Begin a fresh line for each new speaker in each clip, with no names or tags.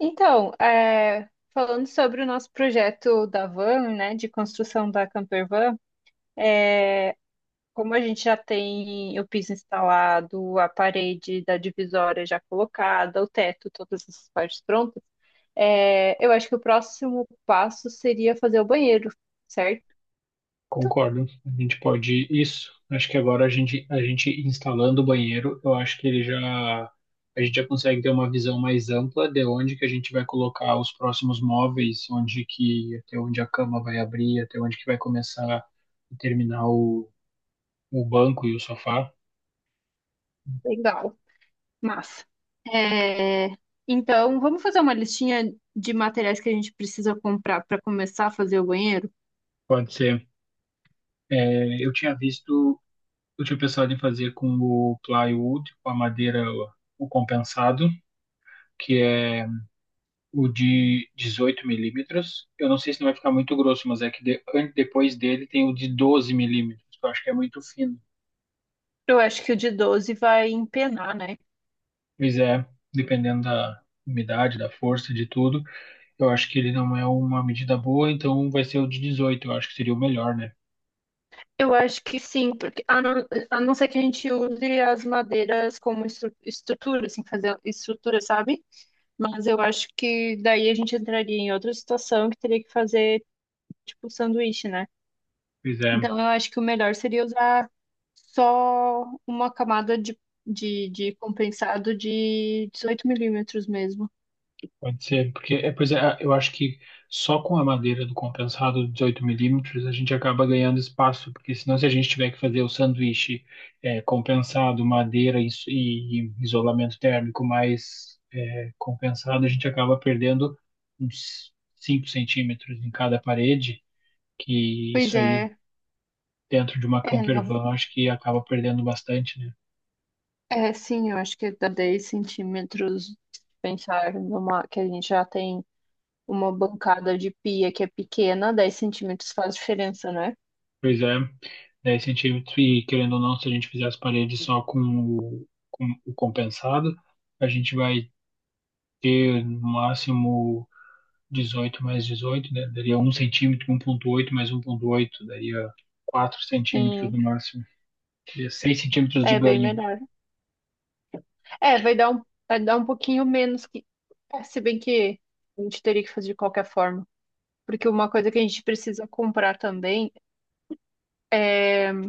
Então, falando sobre o nosso projeto da van, né, de construção da camper van, é, como a gente já tem o piso instalado, a parede da divisória já colocada, o teto, todas essas partes prontas, eu acho que o próximo passo seria fazer o banheiro, certo?
Concordo, a gente pode isso. Acho que agora a gente instalando o banheiro, eu acho que ele já a gente já consegue ter uma visão mais ampla de onde que a gente vai colocar os próximos móveis, onde que até onde a cama vai abrir, até onde que vai começar e terminar o banco e o sofá.
Legal, massa. É, então, vamos fazer uma listinha de materiais que a gente precisa comprar para começar a fazer o banheiro?
Pode ser. É, eu tinha pensado em fazer com o plywood, com a madeira o compensado, que é o de 18 mm. Eu não sei se não vai ficar muito grosso, mas é que depois dele tem o de 12 mm, que eu acho que é muito fino.
Eu acho que o de 12 vai empenar, né?
Mas é, dependendo da umidade, da força, de tudo, eu acho que ele não é uma medida boa, então vai ser o de 18 eu acho que seria o melhor, né?
Eu acho que sim, porque a não ser que a gente use as madeiras como estrutura, assim, fazer estrutura, sabe? Mas eu acho que daí a gente entraria em outra situação que teria que fazer, tipo, sanduíche, né?
Pois é.
Então eu acho que o melhor seria usar só uma camada de compensado de 18 milímetros mesmo.
Pode ser, porque pois é, eu acho que só com a madeira do compensado de 18 mm a gente acaba ganhando espaço, porque senão se a gente tiver que fazer o sanduíche compensado, madeira e isolamento térmico mais compensado, a gente acaba perdendo uns 5 cm em cada parede, que
Pois
isso aí
é,
dentro de uma
é,
camper van eu acho que acaba perdendo bastante, né?
É, sim, eu acho que dá 10 centímetros pensar numa que a gente já tem uma bancada de pia que é pequena, 10 centímetros faz diferença, né?
Pois é, é incentivo que, querendo ou não, se a gente fizer as paredes só com o compensado, a gente vai ter no máximo 18 mais 18, né? Daria 1,8 mais 1,8 daria 4 cm
Sim,
no máximo, daria 6 centímetros de
é bem
ganho.
melhor. É, vai dar um pouquinho menos que. Se bem que a gente teria que fazer de qualquer forma. Porque uma coisa que a gente precisa comprar também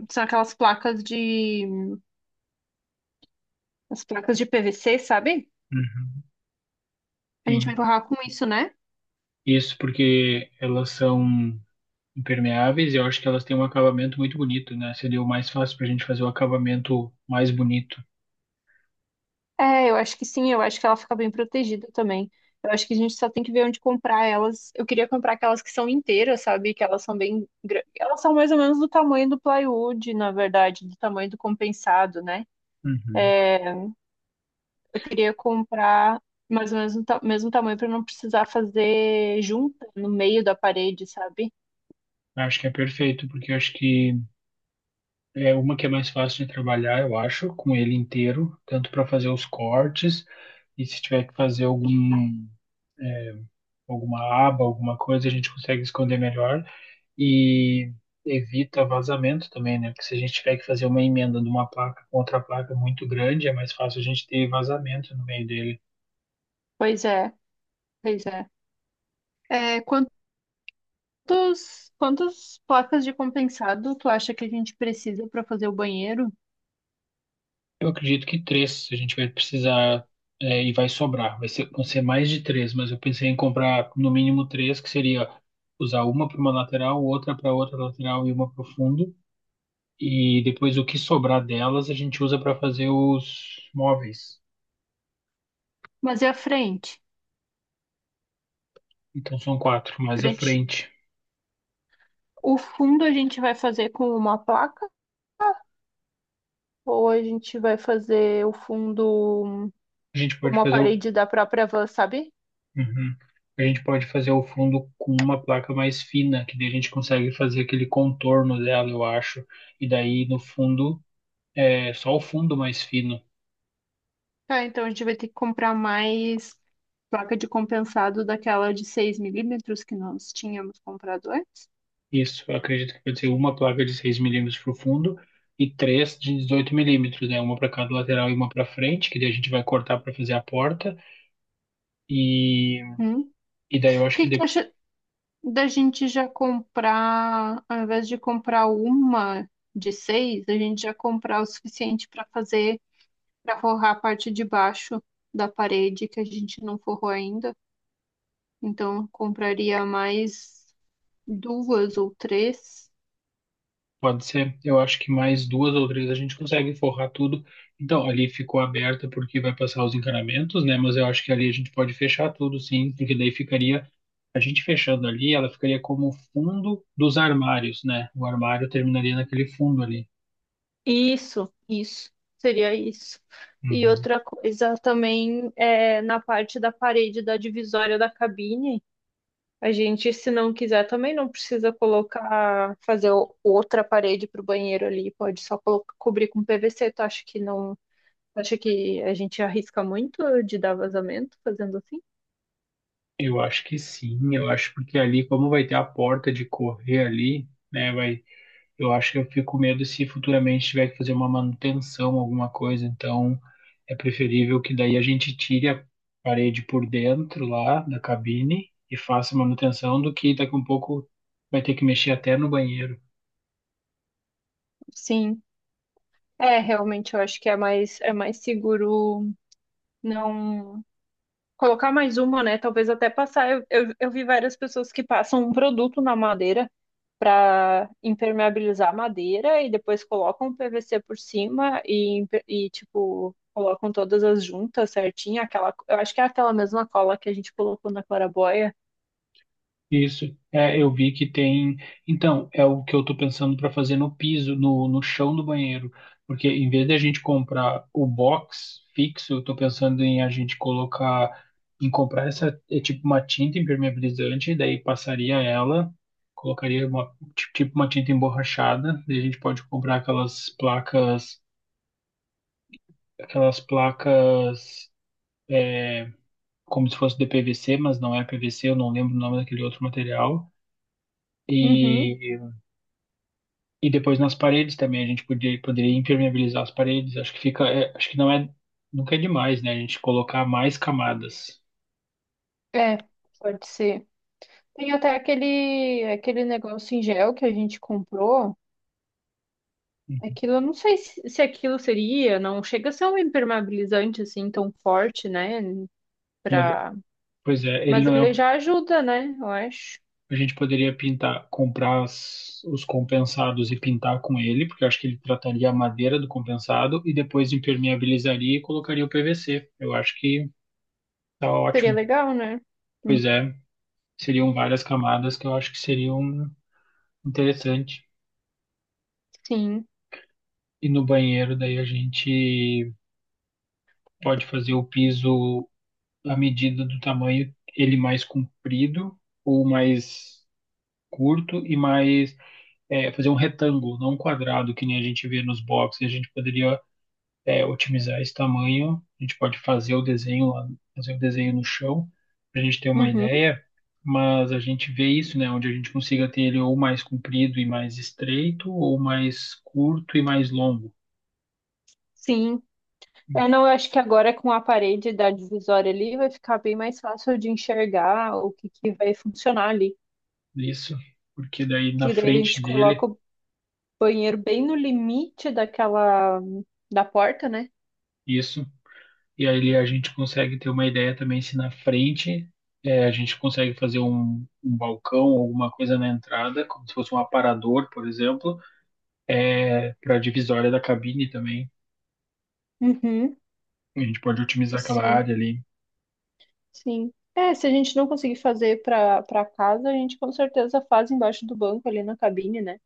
são aquelas placas de. As placas de PVC, sabe?
Uhum.
A gente
Sim.
vai empurrar com isso, né?
Isso porque elas são impermeáveis e eu acho que elas têm um acabamento muito bonito, né? Seria o mais fácil para a gente fazer o acabamento mais bonito.
É, eu acho que sim, eu acho que ela fica bem protegida também. Eu acho que a gente só tem que ver onde comprar elas. Eu queria comprar aquelas que são inteiras, sabe? Que elas são bem grandes. Elas são mais ou menos do tamanho do plywood, na verdade, do tamanho do compensado, né?
Uhum.
Eu queria comprar mais ou menos do mesmo tamanho para não precisar fazer junta no meio da parede, sabe?
Acho que é perfeito, porque eu acho que é uma que é mais fácil de trabalhar, eu acho, com ele inteiro, tanto para fazer os cortes e se tiver que fazer é, alguma aba, alguma coisa, a gente consegue esconder melhor e evita vazamento também, né? Porque se a gente tiver que fazer uma emenda de uma placa com outra placa muito grande, é mais fácil a gente ter vazamento no meio dele.
Pois é, pois é. É, quantas placas de compensado tu acha que a gente precisa para fazer o banheiro?
Eu acredito que três a gente vai precisar e vai sobrar. Vão ser mais de três, mas eu pensei em comprar no mínimo três, que seria usar uma para uma lateral, outra para outra lateral e uma para o fundo. E depois o que sobrar delas a gente usa para fazer os móveis.
Mas e a frente?
Então são quatro,
A
mais à
frente.
frente.
O fundo a gente vai fazer com uma placa ou a gente vai fazer o fundo
A gente
com
pode
uma
fazer o,
parede da própria van, sabe?
Uhum. A gente pode fazer o fundo com uma placa mais fina, que daí a gente consegue fazer aquele contorno dela, eu acho. E daí no fundo é só o fundo mais fino.
Ah, então a gente vai ter que comprar mais placa de compensado daquela de 6 milímetros que nós tínhamos comprado antes.
Isso, eu acredito que pode ser uma placa de 6 mm para o fundo e três de 18 milímetros, né? Uma para cada lateral e uma para frente, que daí a gente vai cortar para fazer a porta. E,
Hum.
e daí eu
O
acho
que
que
que tu acha da gente já comprar, ao invés de comprar uma de 6, a gente já comprar o suficiente para fazer, para forrar a parte de baixo da parede que a gente não forrou ainda? Então, eu compraria mais duas ou três.
pode ser, eu acho que mais duas ou três a gente consegue forrar tudo. Então, ali ficou aberta porque vai passar os encanamentos, né? Mas eu acho que ali a gente pode fechar tudo, sim, porque daí ficaria, a gente fechando ali, ela ficaria como fundo dos armários, né? O armário terminaria naquele fundo ali.
Isso, isso. Seria isso. E
Uhum.
outra coisa também é na parte da parede da divisória da cabine. A gente, se não quiser, também não precisa colocar, fazer o- outra parede para o banheiro ali. Pode só cobrir com PVC. Tu acha que não? Tu acha que a gente arrisca muito de dar vazamento fazendo assim?
Eu acho que sim, eu acho porque ali, como vai ter a porta de correr ali, né, eu acho que eu fico com medo se futuramente tiver que fazer uma manutenção, alguma coisa, então é preferível que daí a gente tire a parede por dentro lá da cabine e faça manutenção do que daqui a um pouco vai ter que mexer até no banheiro.
Sim. É, realmente eu acho que é mais seguro não colocar mais uma, né? Talvez até passar. Eu vi várias pessoas que passam um produto na madeira para impermeabilizar a madeira e depois colocam o PVC por cima e, tipo, colocam todas as juntas certinho. Aquela, eu acho que é aquela mesma cola que a gente colocou na claraboia.
Isso, eu vi que tem. Então, é o que eu tô pensando para fazer no piso, no chão do banheiro. Porque em vez de a gente comprar o box fixo, eu tô pensando em a gente colocar, em comprar essa, é tipo uma tinta impermeabilizante, daí passaria ela, colocaria tipo uma tinta emborrachada, daí a gente pode comprar aquelas placas, é, como se fosse de PVC, mas não é PVC, eu não lembro o nome daquele outro material.
Uhum,
e E depois nas paredes também a gente poderia impermeabilizar as paredes. Acho que fica, acho que não é, nunca é demais, né? A gente colocar mais camadas.
é, pode ser. Tem até aquele negócio em gel que a gente comprou. Aquilo, eu não sei se aquilo seria, não chega a ser um impermeabilizante assim tão forte, né?
Mas,
Para
pois é, ele
Mas
não
ele
é.
já ajuda, né? Eu acho.
A gente poderia pintar, comprar os compensados e pintar com ele, porque eu acho que ele trataria a madeira do compensado e depois impermeabilizaria e colocaria o PVC. Eu acho que tá
Seria
ótimo.
legal, né? Hum,
Pois é, seriam várias camadas que eu acho que seriam interessante.
sim.
E no banheiro, daí a gente pode fazer o piso à medida do tamanho, ele mais comprido ou mais curto e mais fazer um retângulo, não um quadrado, que nem a gente vê nos boxes. A gente poderia otimizar esse tamanho, a gente pode fazer o desenho lá, fazer o desenho no chão, para a gente ter uma
Uhum.
ideia, mas a gente vê isso, né, onde a gente consiga ter ele ou mais comprido e mais estreito, ou mais curto e mais longo.
Sim. Eu não eu acho que agora com a parede da divisória ali vai ficar bem mais fácil de enxergar o que que vai funcionar ali.
Isso, porque daí na
Porque daí a
frente
gente coloca
dele,
o banheiro bem no limite daquela da porta, né?
isso. E aí a gente consegue ter uma ideia também se na frente a gente consegue fazer um balcão, alguma coisa na entrada, como se fosse um aparador, por exemplo, para a divisória da cabine também.
Uhum.
A gente pode otimizar aquela
Sim,
área ali.
sim. É, se a gente não conseguir fazer para casa, a gente com certeza faz embaixo do banco ali na cabine, né?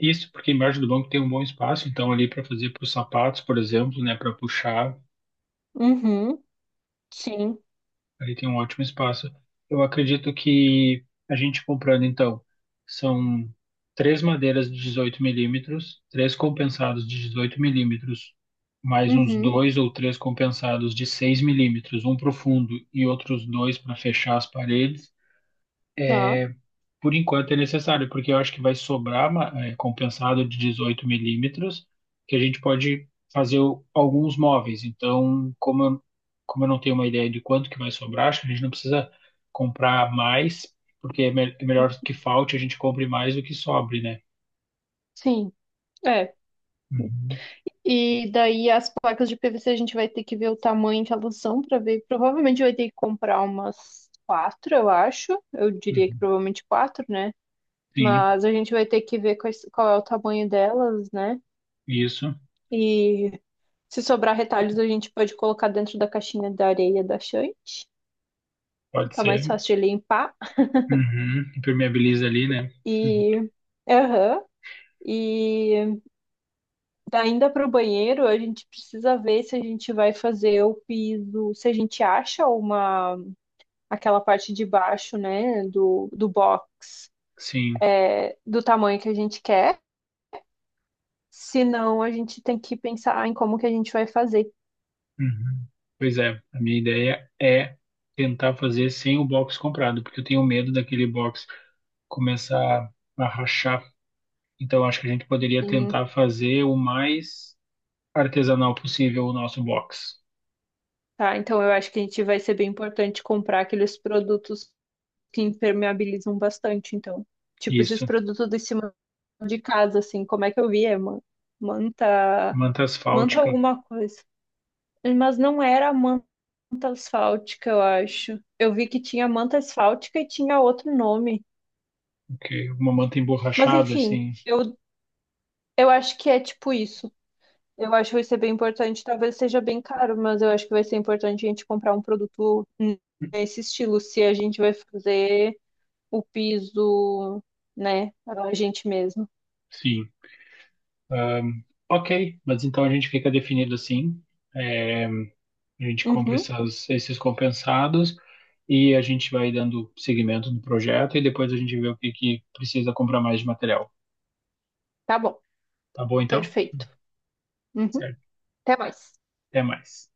Isso, porque embaixo do banco tem um bom espaço, então ali para fazer para os sapatos, por exemplo, né, para puxar.
Uhum. Sim.
Aí tem um ótimo espaço. Eu acredito que a gente comprando, então, são três madeiras de 18 milímetros, três compensados de 18 milímetros, mais uns
Uhum.
dois ou três compensados de 6 mm, um para o fundo e outros dois para fechar as paredes,
Tá.
por enquanto é necessário, porque eu acho que vai sobrar compensado de 18 milímetros, que a gente pode fazer alguns móveis. Então, como eu não tenho uma ideia de quanto que vai sobrar, acho que a gente não precisa comprar mais, porque é melhor que falte, a gente compre mais do que sobre, né?
Sim. É.
Uhum,
E daí as placas de PVC a gente vai ter que ver o tamanho que elas são para ver. Provavelmente vai ter que comprar umas quatro, eu acho. Eu diria que
uhum.
provavelmente quatro, né?
Sim,
Mas a gente vai ter que ver qual é o tamanho delas, né?
isso,
E se sobrar retalhos, a gente pode colocar dentro da caixinha da areia da Shant.
pode
Fica mais
ser.
fácil de limpar.
Uhum. Impermeabiliza ali, né? Uhum.
E. Aham. E ainda para o banheiro, a gente precisa ver se a gente vai fazer o piso, se a gente acha uma aquela parte de baixo, né, do box,
Sim.
é, do tamanho que a gente quer. Senão, a gente tem que pensar em como que a gente vai fazer.
Uhum. Pois é, a minha ideia é tentar fazer sem o box comprado, porque eu tenho medo daquele box começar a rachar. Então acho que a gente poderia
Sim,
tentar fazer o mais artesanal possível o nosso box.
tá? Então, eu acho que a gente vai ser bem importante comprar aqueles produtos que impermeabilizam bastante. Então, tipo, esses
Isso,
produtos de cima de casa, assim, como é que eu vi? É manta,
manta
manta
asfáltica.
alguma coisa. Mas não era a manta asfáltica, eu acho. Eu vi que tinha manta asfáltica e tinha outro nome.
Ok, uma manta
Mas,
emborrachada,
enfim,
assim.
eu acho que é tipo isso. Eu acho que vai ser bem importante. Talvez seja bem caro, mas eu acho que vai ser importante a gente comprar um produto nesse estilo, se a gente vai fazer o piso, né, a gente mesmo.
Sim. Ok, mas então a gente fica definido assim. É, A gente compra
Uhum,
esses compensados e a gente vai dando seguimento no projeto e depois a gente vê o que que precisa comprar mais de material.
tá bom,
Tá bom, então?
perfeito. Uhum,
Certo.
até mais.
Até mais.